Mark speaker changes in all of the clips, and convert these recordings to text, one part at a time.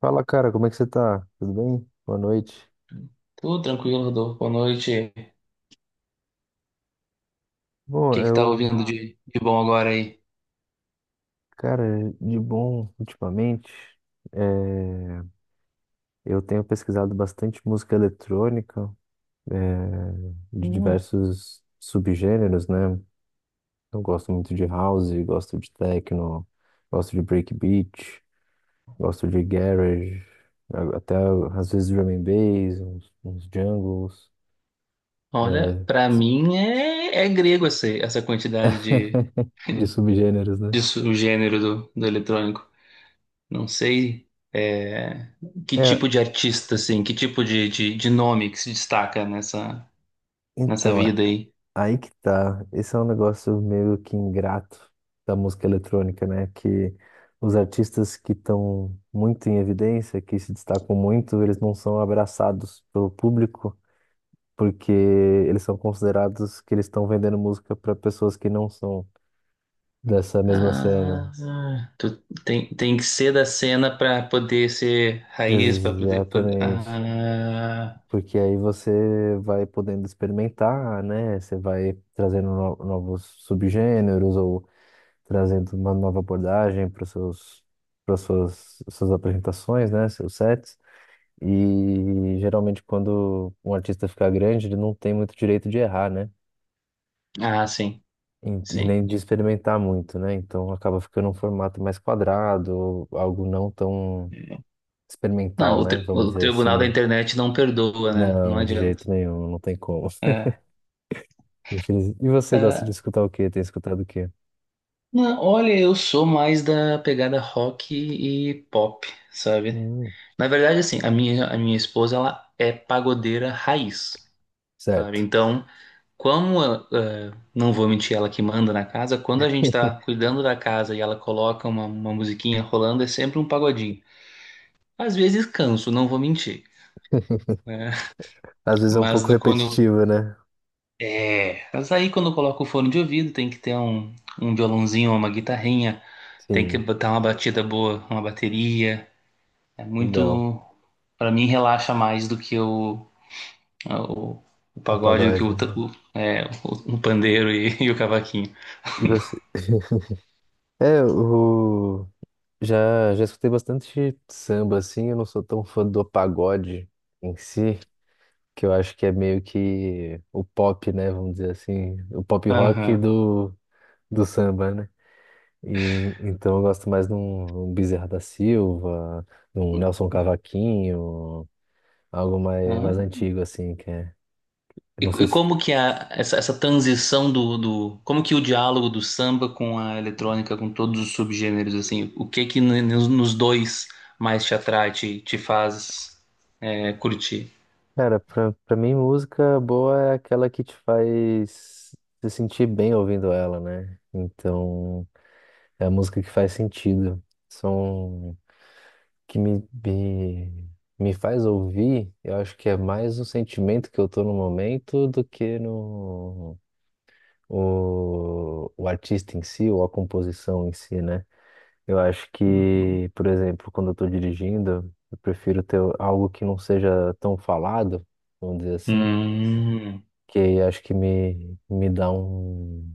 Speaker 1: Fala, cara, como é que você tá? Tudo bem? Boa noite.
Speaker 2: Tudo tranquilo, Rodolfo. Boa noite. O
Speaker 1: Bom,
Speaker 2: que que tá ouvindo de bom agora aí?
Speaker 1: cara, de bom ultimamente, eh, eu tenho pesquisado bastante música eletrônica, de
Speaker 2: Hum,
Speaker 1: diversos subgêneros, né? Eu gosto muito de house, gosto de techno, gosto de breakbeat, gosto de garage, até às vezes drum and bass, uns jungles,
Speaker 2: olha,
Speaker 1: eh,
Speaker 2: pra mim é grego essa quantidade de,
Speaker 1: de subgêneros, né?
Speaker 2: o gênero do eletrônico. Não sei é, que
Speaker 1: É,
Speaker 2: tipo de artista, assim, que tipo de nome que se destaca nessa
Speaker 1: então.
Speaker 2: vida aí.
Speaker 1: Aí que tá. Esse é um negócio meio que ingrato da música eletrônica, né? Que os artistas que estão muito em evidência, que se destacam muito, eles não são abraçados pelo público, porque eles são considerados que eles estão vendendo música para pessoas que não são dessa mesma cena.
Speaker 2: Ah, tu tem que ser da cena pra poder ser raiz, pra poder,
Speaker 1: Exatamente.
Speaker 2: Ah,
Speaker 1: Porque aí você vai podendo experimentar, né? Você vai trazendo novos subgêneros ou trazendo uma nova abordagem para seus, para suas, suas apresentações, né, seus sets. E geralmente quando um artista fica grande, ele não tem muito direito de errar, né?
Speaker 2: ah, sim,
Speaker 1: E, e
Speaker 2: sim.
Speaker 1: nem de experimentar muito, né? Então acaba ficando um formato mais quadrado, ou algo não tão
Speaker 2: Não,
Speaker 1: experimental, né? Vamos
Speaker 2: o
Speaker 1: dizer
Speaker 2: tribunal da
Speaker 1: assim.
Speaker 2: internet não perdoa, né? Não
Speaker 1: Não, de
Speaker 2: adianta.
Speaker 1: jeito nenhum, não tem como.
Speaker 2: É.
Speaker 1: E você gosta de
Speaker 2: Ah,
Speaker 1: escutar o quê? Tem escutado o quê?
Speaker 2: não, olha, eu sou mais da pegada rock e pop, sabe?
Speaker 1: Hum,
Speaker 2: Na verdade, assim, a minha esposa, ela é pagodeira raiz, sabe?
Speaker 1: certo.
Speaker 2: Então, como, não vou mentir, ela que manda na casa, quando a gente tá cuidando da casa e ela coloca uma musiquinha rolando, é sempre um pagodinho. Às vezes canso, não vou mentir, né?
Speaker 1: Às vezes é um
Speaker 2: Mas
Speaker 1: pouco
Speaker 2: do- quando,
Speaker 1: repetitivo, né?
Speaker 2: É, mas aí quando coloca o fone de ouvido, tem que ter um, um violãozinho ou uma guitarrinha, tem que
Speaker 1: Sim,
Speaker 2: botar uma batida boa, uma bateria. É
Speaker 1: legal.
Speaker 2: muito... Pra mim relaxa mais do que o, o
Speaker 1: O
Speaker 2: pagode, do que
Speaker 1: pagode,
Speaker 2: o, ta-
Speaker 1: né?
Speaker 2: o, é, o pandeiro e, e o cavaquinho.
Speaker 1: E você? É. Já escutei bastante samba, assim. Eu não sou tão fã do pagode em si, que eu acho que é meio que o pop, né? Vamos dizer assim, o pop rock
Speaker 2: Aham.
Speaker 1: do, do samba, né? E, então eu gosto mais de um, um Bezerra da Silva, de um Nelson Cavaquinho, algo mais
Speaker 2: Aham.
Speaker 1: antigo, assim, que é. Eu Não
Speaker 2: E
Speaker 1: sei se
Speaker 2: como que a, essa transição do. Como que o diálogo do samba com a eletrônica, com todos os subgêneros, assim, o que que nos, nos dois mais te atrai, te faz. É, curti.
Speaker 1: Cara, pra mim, música boa é aquela que te faz se sentir bem ouvindo ela, né? Então, é a música que faz sentido. Som que me faz ouvir, eu acho que é mais um sentimento que eu tô no momento do que no o artista em si, ou a composição em si, né? Eu acho que, por exemplo, quando eu tô dirigindo, eu prefiro ter algo que não seja tão falado, vamos dizer assim
Speaker 2: Hum.
Speaker 1: que acho que me dá um,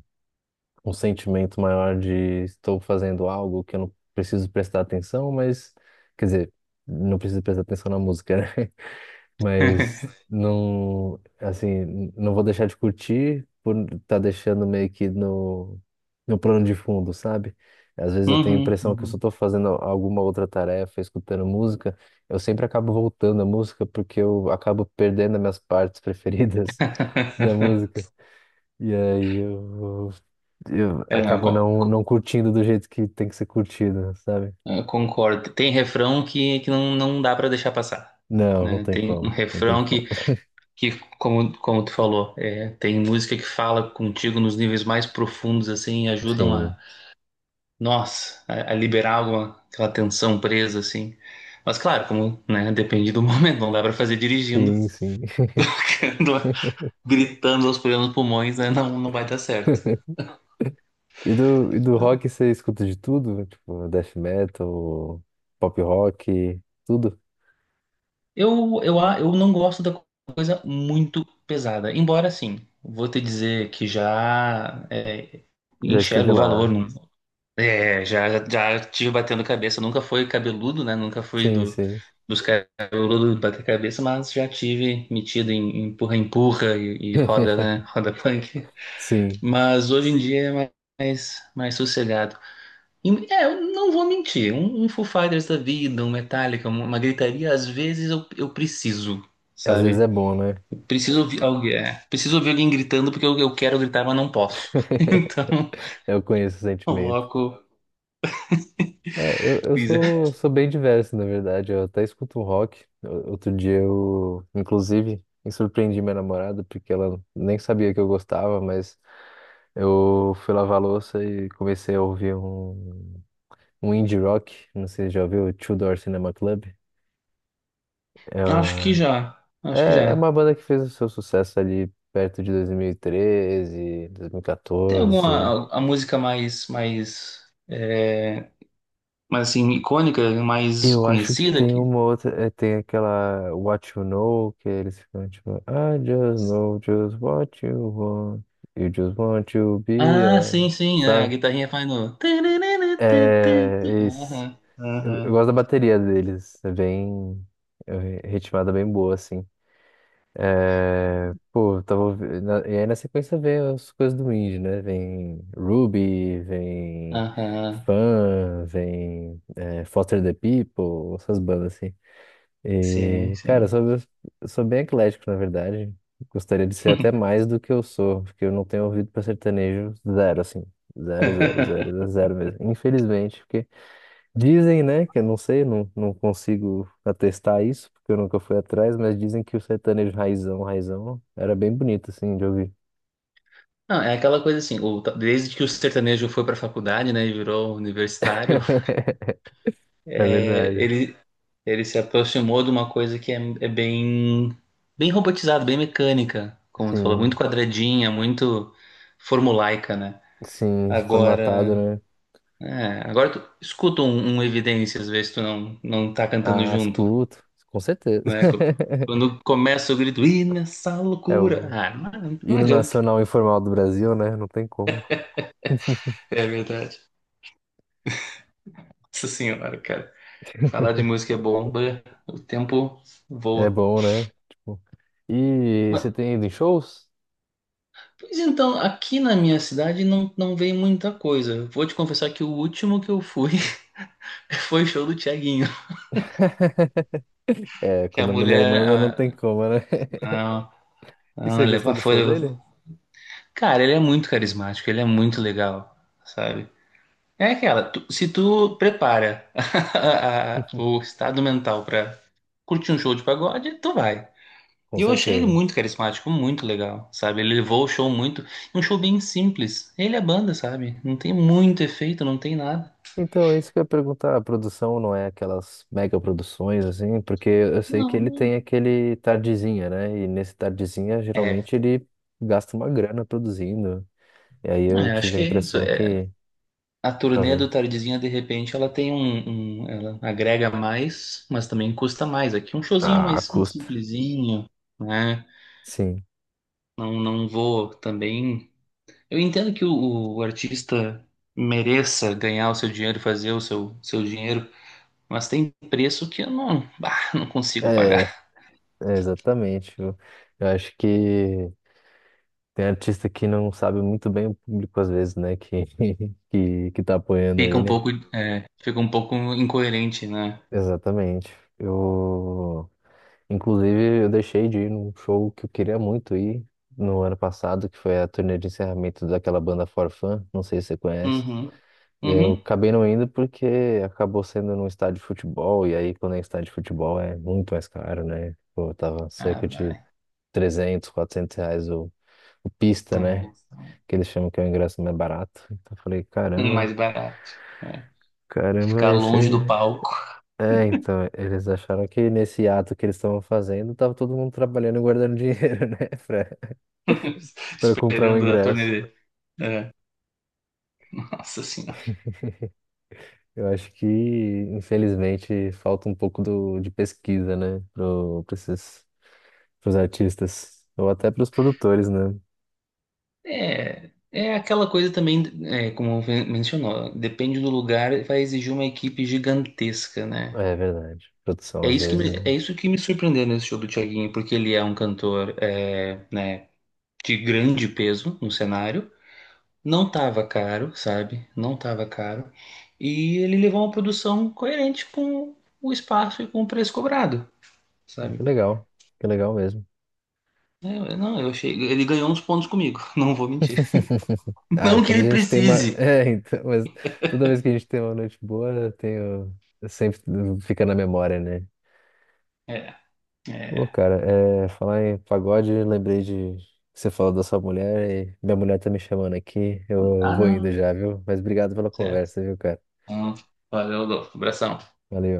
Speaker 1: um sentimento maior de estou fazendo algo que eu não preciso prestar atenção, mas, quer dizer, não preciso prestar atenção na música, né? Mas não, assim, não vou deixar de curtir por estar tá deixando meio que no, no plano de fundo, sabe? Às vezes eu tenho a
Speaker 2: Uhum,
Speaker 1: impressão que eu só
Speaker 2: uhum.
Speaker 1: estou fazendo alguma outra tarefa, escutando música, eu sempre acabo voltando à música porque eu acabo perdendo as minhas partes preferidas da música. E aí eu
Speaker 2: É, não,
Speaker 1: acabo não, não curtindo do jeito que tem que ser curtido, sabe?
Speaker 2: concordo. Tem refrão que não, não dá para deixar passar,
Speaker 1: Não, não
Speaker 2: né?
Speaker 1: tem
Speaker 2: Tem um
Speaker 1: como, não tem
Speaker 2: refrão
Speaker 1: como.
Speaker 2: que como, como tu falou, é, tem música que fala contigo nos níveis mais profundos, assim, e ajudam
Speaker 1: Sim,
Speaker 2: a, nossa, a liberar alguma, aquela tensão presa, assim. Mas claro, como, né, depende do momento, não dá para fazer dirigindo,
Speaker 1: sim, sim.
Speaker 2: gritando aos plenos pulmões, né? Não, não vai dar certo.
Speaker 1: E do rock você escuta de tudo? Tipo, death metal, pop rock, tudo?
Speaker 2: Eu não gosto da coisa muito pesada. Embora, assim, vou te dizer que
Speaker 1: Já esteve
Speaker 2: enxergo o valor.
Speaker 1: lá.
Speaker 2: Não, é, já, já tive batendo cabeça. Nunca fui cabeludo, né? Nunca fui
Speaker 1: Sim, sim.
Speaker 2: dos cabeludos bater cabeça, mas já tive metido em empurra-empurra e roda, né? Roda punk.
Speaker 1: Sim.
Speaker 2: Mas hoje em dia é mais, mais sossegado. É, eu não vou mentir. Um Foo Fighters da vida, um Metallica, uma gritaria, às vezes eu preciso,
Speaker 1: Às vezes é
Speaker 2: sabe?
Speaker 1: bom, né?
Speaker 2: Eu preciso ouvir alguém, é, preciso ouvir alguém gritando porque eu quero gritar, mas não posso. Então,
Speaker 1: Eu conheço o sentimento.
Speaker 2: coloco.
Speaker 1: É, eu
Speaker 2: Weezer.
Speaker 1: sou bem diverso, na verdade. Eu até escuto um rock. Outro dia eu, inclusive, me surpreendi minha namorada, porque ela nem sabia que eu gostava, mas eu fui lavar a louça e comecei a ouvir um, indie rock. Não sei se já ouviu, Two Door Cinema Club. É,
Speaker 2: Acho que
Speaker 1: uma-
Speaker 2: já.
Speaker 1: é,
Speaker 2: Acho que
Speaker 1: é
Speaker 2: já.
Speaker 1: uma banda que fez o seu sucesso ali perto de dois mil e treze, dois mil e
Speaker 2: Tem
Speaker 1: 2014.
Speaker 2: alguma a música mais, mais, é, mais assim, icônica, mais
Speaker 1: Eu acho que
Speaker 2: conhecida
Speaker 1: tem
Speaker 2: aqui?
Speaker 1: uma outra, tem aquela What You Know, que eles ficam tipo, I just know just what you want, you just want to be
Speaker 2: Ah,
Speaker 1: a...
Speaker 2: sim, sim, é, a
Speaker 1: Sabe?
Speaker 2: guitarrinha faz no.
Speaker 1: É, isso.
Speaker 2: Aham,
Speaker 1: eu,
Speaker 2: aham,
Speaker 1: gosto da bateria deles, é bem, é ritmada bem boa, assim. É, pô, eu tava, ouvi- na- e aí na sequência vem as coisas do indie, né? Vem Ruby, vem
Speaker 2: aham.
Speaker 1: Fun, vem Foster the People, essas bandas assim.
Speaker 2: Sim,
Speaker 1: E, cara, eu
Speaker 2: sim.
Speaker 1: sou, eu sou bem eclético, na verdade. Gostaria de ser até mais do que eu sou, porque eu não tenho ouvido para sertanejo zero, assim. Zero, zero, zero, zero mesmo. Infelizmente, porque dizem, né, que eu não sei, não, não consigo atestar isso, porque eu nunca fui atrás, mas dizem que o sertanejo raizão, raizão, era bem bonito, assim, de ouvir.
Speaker 2: Não, é aquela coisa assim, o- desde que o sertanejo foi para a faculdade, né, e virou universitário,
Speaker 1: É
Speaker 2: é,
Speaker 1: verdade.
Speaker 2: ele se aproximou de uma coisa que é, é bem, bem robotizada, bem mecânica, como tu falou, muito
Speaker 1: Sim,
Speaker 2: quadradinha, muito formulaica, né?
Speaker 1: sim, formatado,
Speaker 2: Agora,
Speaker 1: né?
Speaker 2: é, agora tu escuta um, um Evidência, às vezes tu não, não tá cantando
Speaker 1: Ah,
Speaker 2: junto,
Speaker 1: escuto, com certeza.
Speaker 2: né? Quando começa o grito, e nessa
Speaker 1: É
Speaker 2: loucura,
Speaker 1: o
Speaker 2: ah, não, não
Speaker 1: hino
Speaker 2: adianta.
Speaker 1: nacional informal do Brasil, né? Não tem como.
Speaker 2: É verdade. Nossa senhora, cara. Falar de música é bom, bê, o tempo
Speaker 1: É
Speaker 2: voa.
Speaker 1: bom, né? Tipo, e
Speaker 2: Mas,
Speaker 1: você tem ido em shows?
Speaker 2: pois então, aqui na minha cidade não, não vem muita coisa. Vou te confessar que o último que eu fui foi o show do Thiaguinho.
Speaker 1: É,
Speaker 2: Que a
Speaker 1: quando a mulher
Speaker 2: mulher,
Speaker 1: manda, não tem
Speaker 2: ah,
Speaker 1: como, né?
Speaker 2: não,
Speaker 1: E
Speaker 2: não,
Speaker 1: você gostou
Speaker 2: leva
Speaker 1: do
Speaker 2: foi,
Speaker 1: show
Speaker 2: foi.
Speaker 1: dele?
Speaker 2: Cara, ele é muito carismático, ele é muito legal, sabe? É aquela, se tu prepara o estado mental pra curtir um show de pagode, tu vai.
Speaker 1: Com
Speaker 2: E eu achei ele
Speaker 1: certeza.
Speaker 2: muito carismático, muito legal, sabe? Ele levou o show muito... Um show bem simples. Ele é banda, sabe? Não tem muito efeito, não tem nada.
Speaker 1: Então, é isso que eu ia perguntar. A produção não é aquelas mega produções, assim, porque eu sei que ele
Speaker 2: Não.
Speaker 1: tem aquele tardezinha, né? E nesse tardezinha,
Speaker 2: É,
Speaker 1: geralmente, ele gasta uma grana produzindo. E aí
Speaker 2: não,
Speaker 1: eu
Speaker 2: eu acho
Speaker 1: tive a
Speaker 2: que é isso.
Speaker 1: impressão
Speaker 2: É,
Speaker 1: que,
Speaker 2: a turnê
Speaker 1: talvez,
Speaker 2: do Tardezinha, de repente, ela tem um, ela agrega mais, mas também custa mais. Aqui um showzinho
Speaker 1: ah,
Speaker 2: mais
Speaker 1: custa.
Speaker 2: simplesinho, né?
Speaker 1: Sim.
Speaker 2: Não, não vou também. Eu entendo que o artista mereça ganhar o seu dinheiro, fazer o seu, seu dinheiro, mas tem preço que eu não, bah, não consigo
Speaker 1: É,
Speaker 2: pagar.
Speaker 1: é, exatamente. Eu acho que tem artista que não sabe muito bem o público às vezes, né? Que, que tá apoiando
Speaker 2: Fica um
Speaker 1: ele.
Speaker 2: pouco, é, fica um pouco incoerente, né?
Speaker 1: Exatamente. Eu, inclusive, eu deixei de ir num show que eu queria muito ir no ano passado, que foi a turnê de encerramento daquela banda Forfun, não sei se você conhece.
Speaker 2: Uhum.
Speaker 1: Eu
Speaker 2: Uhum.
Speaker 1: acabei não indo porque acabou sendo num estádio de futebol, e aí quando é estádio de futebol é muito mais caro, né? Pô, tava
Speaker 2: Ah,
Speaker 1: cerca de
Speaker 2: vai.
Speaker 1: R$ 300, R$ 400 o pista,
Speaker 2: É.
Speaker 1: né? Que eles chamam que é o ingresso mais barato. Então eu falei, caramba,
Speaker 2: Mais barato. É.
Speaker 1: caramba,
Speaker 2: Ficar
Speaker 1: esse.
Speaker 2: longe do
Speaker 1: É,
Speaker 2: palco,
Speaker 1: é, então, eles acharam que nesse ato que eles estavam fazendo, tava todo mundo trabalhando e guardando dinheiro, né? Pra, pra comprar o
Speaker 2: esperando a
Speaker 1: ingresso.
Speaker 2: torneira. É. Nossa senhora.
Speaker 1: Eu acho que, infelizmente, falta um pouco do, de pesquisa, né? Pra esses, pros artistas. Ou até pros produtores, né?
Speaker 2: É, é aquela coisa também, é, como mencionou, depende do lugar, vai exigir uma equipe gigantesca, né?
Speaker 1: É verdade. Produção, às vezes, né?
Speaker 2: É isso que me surpreendeu nesse show do Thiaguinho, porque ele é um cantor, é, né, de grande peso no cenário. Não tava caro, sabe? Não tava caro. E ele levou uma produção coerente com o espaço e com o preço cobrado, sabe?
Speaker 1: Que legal. Que legal mesmo.
Speaker 2: É, não, eu achei. Ele ganhou uns pontos comigo, não vou mentir.
Speaker 1: Ah,
Speaker 2: Não que
Speaker 1: quando
Speaker 2: ele
Speaker 1: a gente tem uma.
Speaker 2: precise.
Speaker 1: É, então, mas toda vez que a gente tem uma noite boa, eu tenho. Sempre fica na memória, né?
Speaker 2: É,
Speaker 1: Pô,
Speaker 2: é.
Speaker 1: cara, é, falar em pagode, lembrei de. Que você falou da sua mulher e minha mulher tá me chamando aqui. Eu
Speaker 2: Ah,
Speaker 1: vou indo
Speaker 2: não.
Speaker 1: já, viu? Mas obrigado pela
Speaker 2: Certo.
Speaker 1: conversa, viu, cara?
Speaker 2: Então, valeu, Adolfo. Abração.
Speaker 1: Valeu.